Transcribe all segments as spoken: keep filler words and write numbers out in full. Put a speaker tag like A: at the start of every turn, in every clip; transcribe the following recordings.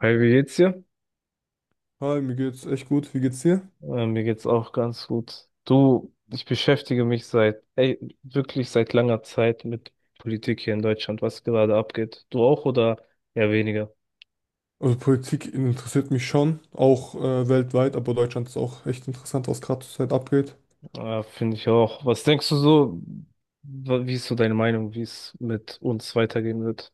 A: Hi, wie geht's dir?
B: Hi, mir geht's echt gut. Wie geht's dir?
A: Äh, mir geht's auch ganz gut. Du, ich beschäftige mich seit, ey, wirklich seit langer Zeit mit Politik hier in Deutschland, was gerade abgeht. Du auch oder eher weniger?
B: Also Politik interessiert mich schon, auch äh, weltweit, aber Deutschland ist auch echt interessant, was gerade zurzeit abgeht.
A: Äh, finde ich auch. Was denkst du so, wa- wie ist so deine Meinung, wie es mit uns weitergehen wird?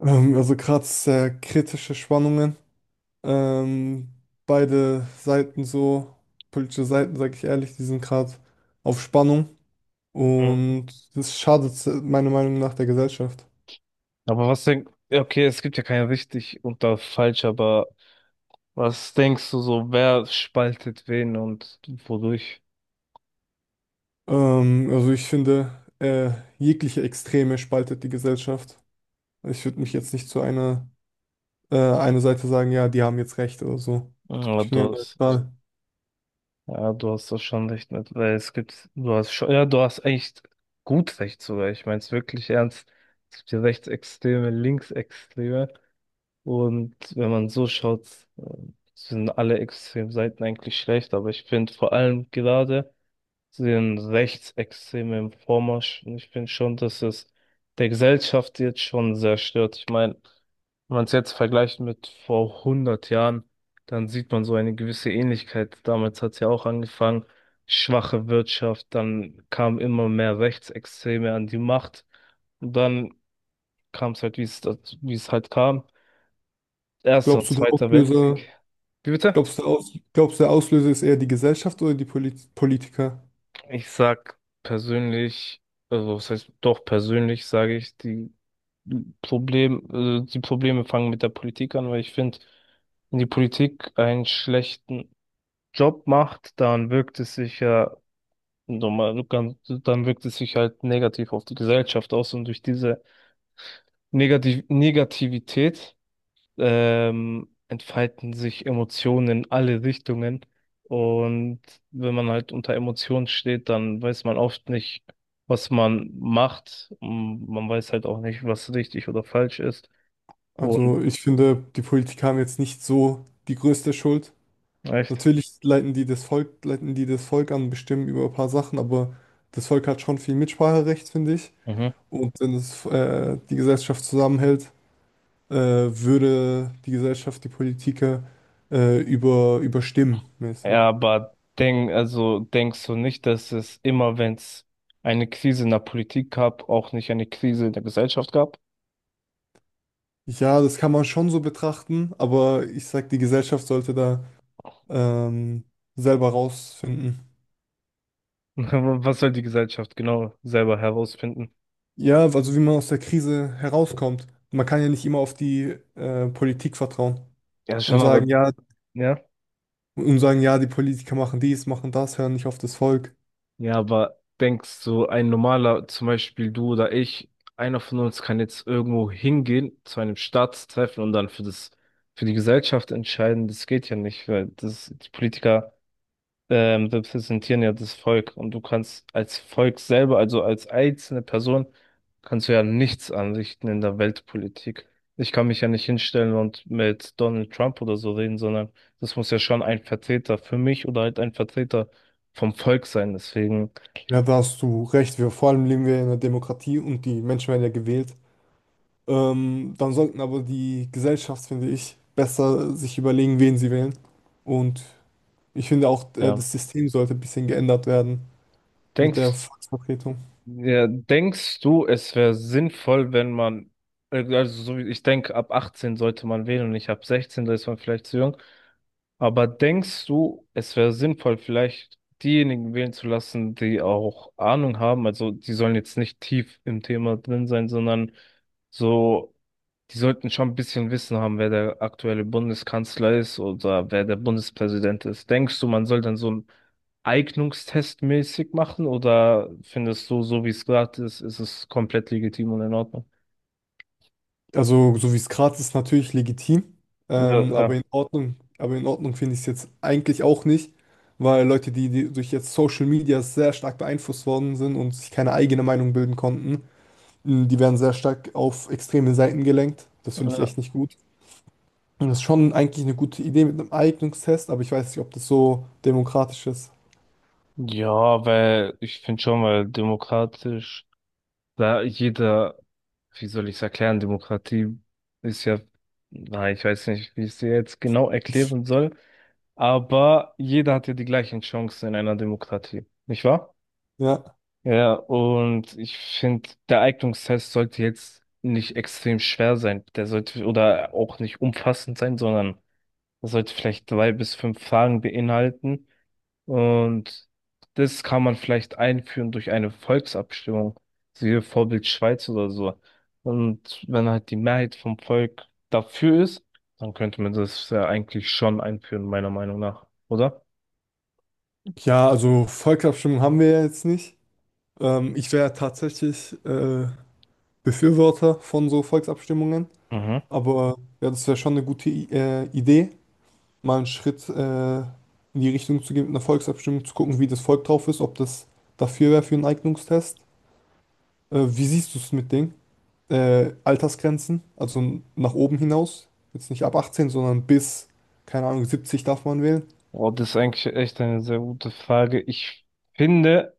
B: Ähm, also gerade sehr kritische Spannungen. Ähm, Beide Seiten so, politische Seiten, sage ich ehrlich, die sind gerade auf Spannung
A: Mhm.
B: und das schadet se- meiner Meinung nach der Gesellschaft.
A: Aber was denkst, okay, es gibt ja kein richtig und da falsch, aber was denkst du so, wer spaltet wen und wodurch?
B: Ähm, also ich finde, äh, jegliche Extreme spaltet die Gesellschaft. Ich würde mich jetzt nicht zu einer äh, eine Seite sagen, ja, die haben jetzt recht oder so.
A: Ja,
B: Ich bin
A: du
B: ja
A: hast.
B: neutral.
A: Ja, du hast das schon recht mit, weil es gibt, du hast schon, ja, du hast echt gut recht sogar. Ich meine es wirklich ernst. Es gibt ja Rechtsextreme, Linksextreme. Und wenn man so schaut, äh, sind alle Extremseiten eigentlich schlecht. Aber ich finde vor allem gerade den rechtsextremen Vormarsch. Und ich finde schon, dass es der Gesellschaft jetzt schon sehr stört. Ich meine, wenn man es jetzt vergleicht mit vor hundert Jahren, dann sieht man so eine gewisse Ähnlichkeit. Damals hat es ja auch angefangen, schwache Wirtschaft, dann kamen immer mehr Rechtsextreme an die Macht. Und dann kam es halt, wie es, wie es halt kam. Erster und
B: Glaubst du, der
A: Zweiter Weltkrieg.
B: Auslöser,
A: Wie bitte?
B: glaubst du, der Aus, Glaubst du, der Auslöser ist eher die Gesellschaft oder die Polit Politiker?
A: Ich sag persönlich, also was heißt doch persönlich, sage ich, die Problem, äh, die Probleme fangen mit der Politik an, weil ich finde, wenn die Politik einen schlechten Job macht, dann wirkt es sich ja normal, ganz- dann wirkt es sich halt negativ auf die Gesellschaft aus und durch diese Negativ Negativität ähm, entfalten sich Emotionen in alle Richtungen. Und wenn man halt unter Emotionen steht, dann weiß man oft nicht, was man macht. Und man weiß halt auch nicht, was richtig oder falsch ist.
B: Also ich finde, die Politiker haben jetzt nicht so die größte Schuld.
A: Echt?
B: Natürlich leiten die das Volk, leiten die das Volk an, bestimmen über ein paar Sachen, aber das Volk hat schon viel Mitspracherecht, finde ich.
A: Mhm.
B: Und wenn es äh, die Gesellschaft zusammenhält, äh, würde die Gesellschaft die Politiker äh, über, überstimmen, mäßig.
A: Ja, aber denk, also denkst du nicht, dass es immer, wenn es eine Krise in der Politik gab, auch nicht eine Krise in der Gesellschaft gab?
B: Ja, das kann man schon so betrachten, aber ich sag, die Gesellschaft sollte da ähm, selber rausfinden.
A: Was soll die Gesellschaft genau selber herausfinden?
B: Ja, also wie man aus der Krise herauskommt. Man kann ja nicht immer auf die äh, Politik vertrauen
A: Ja,
B: und
A: schon,
B: sagen,
A: aber.
B: ja,
A: Ja?
B: und sagen, ja, die Politiker machen dies, machen das, hören nicht auf das Volk.
A: Ja, aber denkst du, ein normaler, zum Beispiel du oder ich, einer von uns kann jetzt irgendwo hingehen zu einem Staatstreffen und dann für das, für die Gesellschaft entscheiden? Das geht ja nicht, weil das, die Politiker ähm, repräsentieren ja das Volk und du kannst als Volk selber, also als einzelne Person, kannst du ja nichts anrichten in der Weltpolitik. Ich kann mich ja nicht hinstellen und mit Donald Trump oder so reden, sondern das muss ja schon ein Vertreter für mich oder halt ein Vertreter vom Volk sein. Deswegen,
B: Ja, da hast du recht. Wir, vor allem leben wir in einer Demokratie und die Menschen werden ja gewählt. Ähm, dann sollten aber die Gesellschaft, finde ich, besser sich überlegen, wen sie wählen. Und ich finde auch, äh,
A: ja,
B: das System sollte ein bisschen geändert werden, mit der
A: denkst,
B: Volksvertretung.
A: ja, denkst du, es wäre sinnvoll, wenn man, äh, also so wie ich denke, ab achtzehn sollte man wählen und nicht ab sechzehn, da ist man vielleicht zu jung. Aber denkst du, es wäre sinnvoll, vielleicht diejenigen wählen zu lassen, die auch Ahnung haben? Also die sollen jetzt nicht tief im Thema drin sein, sondern so, die sollten schon ein bisschen Wissen haben, wer der aktuelle Bundeskanzler ist oder wer der Bundespräsident ist. Denkst du, man soll dann so einen Eignungstest mäßig machen oder findest du, so wie es gerade ist, ist es komplett legitim und in Ordnung?
B: Also, so wie es gerade ist, natürlich legitim,
A: Ja,
B: ähm, aber
A: klar.
B: in Ordnung, aber in Ordnung finde ich es jetzt eigentlich auch nicht, weil Leute, die, die durch jetzt Social Media sehr stark beeinflusst worden sind und sich keine eigene Meinung bilden konnten, mh, die werden sehr stark auf extreme Seiten gelenkt. Das finde ich
A: Ja,
B: echt nicht gut. Und das ist schon eigentlich eine gute Idee mit einem Eignungstest, aber ich weiß nicht, ob das so demokratisch ist.
A: ja, weil ich finde schon, weil demokratisch. Da jeder, wie soll ich es erklären, Demokratie ist ja, na, ich weiß nicht, wie ich es dir jetzt genau erklären soll, aber jeder hat ja die gleichen Chancen in einer Demokratie, nicht wahr?
B: Ja.
A: Ja, und ich finde, der Eignungstest sollte jetzt nicht extrem schwer sein. Der sollte oder auch nicht umfassend sein, sondern er sollte vielleicht drei bis fünf Fragen beinhalten, und das kann man vielleicht einführen durch eine Volksabstimmung, so wie Vorbild Schweiz oder so. Und wenn halt die Mehrheit vom Volk dafür ist, dann könnte man das ja eigentlich schon einführen, meiner Meinung nach, oder?
B: Ja, also Volksabstimmung haben wir ja jetzt nicht. Ähm, ich wäre tatsächlich äh, Befürworter von so Volksabstimmungen.
A: Mhm.
B: Aber ja, das wäre schon eine gute I äh, Idee, mal einen Schritt äh, in die Richtung zu gehen mit einer Volksabstimmung, zu gucken, wie das Volk drauf ist, ob das dafür wäre für einen Eignungstest. Äh, wie siehst du es mit Ding? Äh, Altersgrenzen, also n- nach oben hinaus. Jetzt nicht ab achtzehn, sondern bis, keine Ahnung, siebzig darf man wählen.
A: Oh, das ist eigentlich echt eine sehr gute Frage. Ich finde,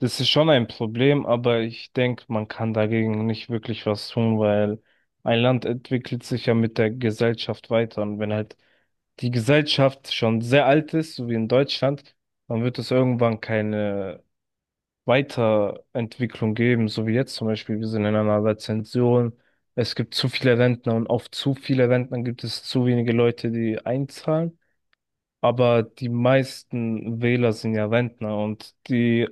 A: das ist schon ein Problem, aber ich denke, man kann dagegen nicht wirklich was tun, weil ein Land entwickelt sich ja mit der Gesellschaft weiter. Und wenn halt die Gesellschaft schon sehr alt ist, so wie in Deutschland, dann wird es irgendwann keine Weiterentwicklung geben, so wie jetzt zum Beispiel. Wir sind in einer Rezession. Es gibt zu viele Rentner und auf zu viele Rentner gibt es zu wenige Leute, die einzahlen. Aber die meisten Wähler sind ja Rentner und die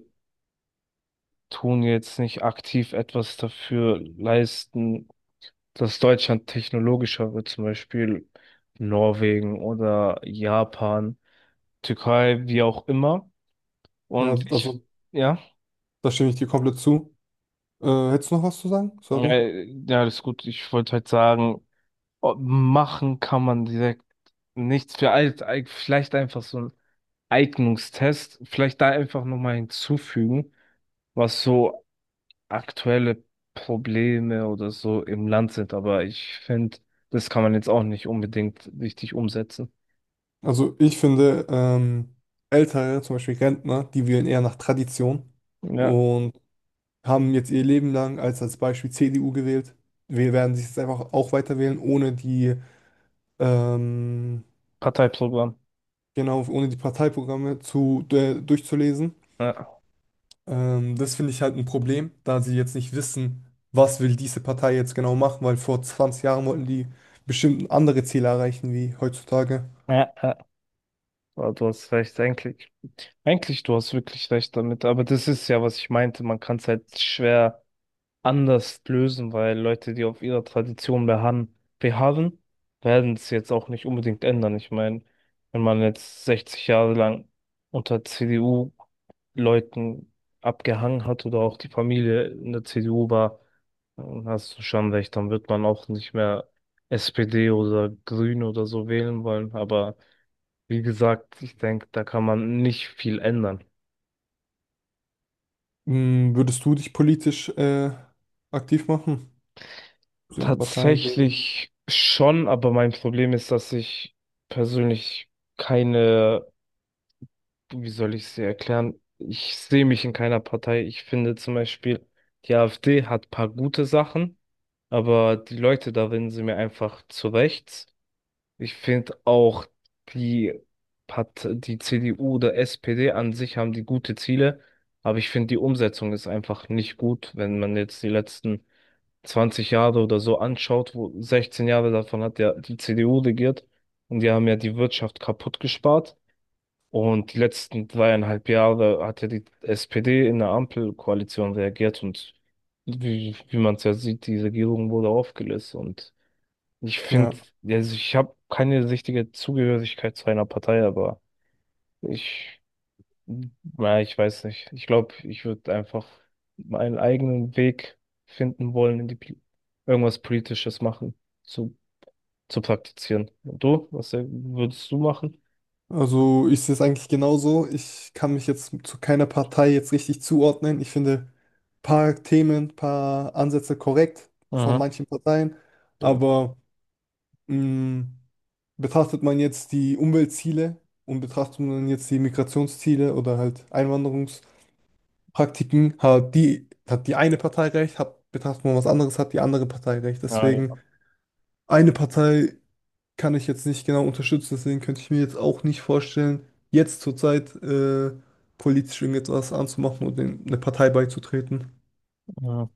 A: tun jetzt nicht aktiv etwas dafür leisten, dass Deutschland technologischer wird, zum Beispiel Norwegen oder Japan, Türkei, wie auch immer.
B: Ja,
A: Und ich,
B: also
A: ja,
B: da stimme ich dir komplett zu. Äh, hättest du noch was zu sagen? Sorry.
A: äh, ja, das ist gut. Ich wollte halt sagen, oh, machen kann man direkt nichts für alt, eig- vielleicht einfach so ein Eignungstest, vielleicht da einfach nochmal hinzufügen, was so aktuelle Probleme oder so im Land sind, aber ich finde, das kann man jetzt auch nicht unbedingt richtig umsetzen.
B: Also ich finde, ähm, Ältere, zum Beispiel Rentner, die wählen eher nach Tradition
A: Ja.
B: und haben jetzt ihr Leben lang als, als Beispiel C D U gewählt. Wir werden sich jetzt einfach auch weiter wählen, ohne die, ähm,
A: Parteiprogramm.
B: genau, ohne die Parteiprogramme zu, äh, durchzulesen.
A: Ja,
B: Ähm, das finde ich halt ein Problem, da sie jetzt nicht wissen, was will diese Partei jetzt genau machen, weil vor zwanzig Jahren wollten die bestimmt andere Ziele erreichen wie heutzutage.
A: ja, ja. Aber du hast recht, eigentlich. Eigentlich, du hast wirklich recht damit, aber das ist ja, was ich meinte, man kann es halt schwer anders lösen, weil Leute, die auf ihrer Tradition beharren, beharren, werden es jetzt auch nicht unbedingt ändern. Ich meine, wenn man jetzt sechzig Jahre lang unter C D U-Leuten abgehangen hat oder auch die Familie in der C D U war, dann hast du schon recht, dann wird man auch nicht mehr S P D oder Grün oder so wählen wollen. Aber wie gesagt, ich denke, da kann man nicht viel ändern.
B: Hm, würdest du dich politisch, äh, aktiv machen? Für eine Partei gehen.
A: Tatsächlich schon, aber mein Problem ist, dass ich persönlich keine, wie soll ich sie erklären? Ich sehe mich in keiner Partei. Ich finde zum Beispiel, die A F D hat paar gute Sachen, aber die Leute darin sind mir einfach zu rechts. Ich finde auch die Part die C D U oder S P D an sich haben die gute Ziele, aber ich finde die Umsetzung ist einfach nicht gut, wenn man jetzt die letzten zwanzig Jahre oder so anschaut, wo sechzehn Jahre davon hat ja die C D U regiert und die haben ja die Wirtschaft kaputt gespart. Und die letzten dreieinhalb Jahre hat ja die S P D in der Ampelkoalition reagiert und wie, wie man es ja sieht, die Regierung wurde aufgelöst. Und ich
B: Ja,
A: finde, also ich habe keine richtige Zugehörigkeit zu einer Partei, aber ich, ja, ich weiß nicht. Ich glaube, ich würde einfach meinen eigenen Weg finden wollen, in die Pol- irgendwas Politisches machen, zu, zu praktizieren. Und du? Was äh, würdest du machen?
B: also ich sehe es eigentlich genauso. Ich kann mich jetzt zu keiner Partei jetzt richtig zuordnen. Ich finde ein paar Themen, ein paar Ansätze korrekt von
A: Mhm.
B: manchen Parteien,
A: Genau.
B: aber mh, betrachtet man jetzt die Umweltziele und betrachtet man jetzt die Migrationsziele oder halt Einwanderungspraktiken, hat die, hat die eine Partei recht, hat, betrachtet man was anderes, hat die andere Partei recht.
A: Ja, ja.
B: Deswegen eine Partei kann ich jetzt nicht genau unterstützen, deswegen könnte ich mir jetzt auch nicht vorstellen, jetzt zurzeit äh, politisch irgendetwas anzumachen und in eine Partei beizutreten.
A: Mhm.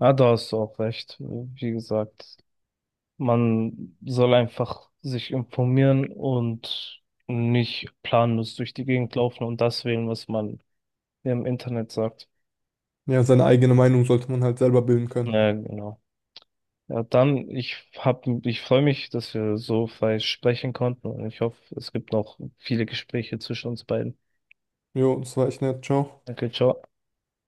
A: Ja, da hast du auch recht. Wie gesagt, man soll einfach sich informieren und nicht planlos durch die Gegend laufen und das wählen, was man im Internet sagt.
B: Ja, seine eigene Meinung sollte man halt selber bilden können.
A: Ja, genau. Ja, dann, ich hab, ich freue mich, dass wir so frei sprechen konnten und ich hoffe, es gibt noch viele Gespräche zwischen uns beiden.
B: Jo, das war echt nett. Ciao.
A: Danke, ciao.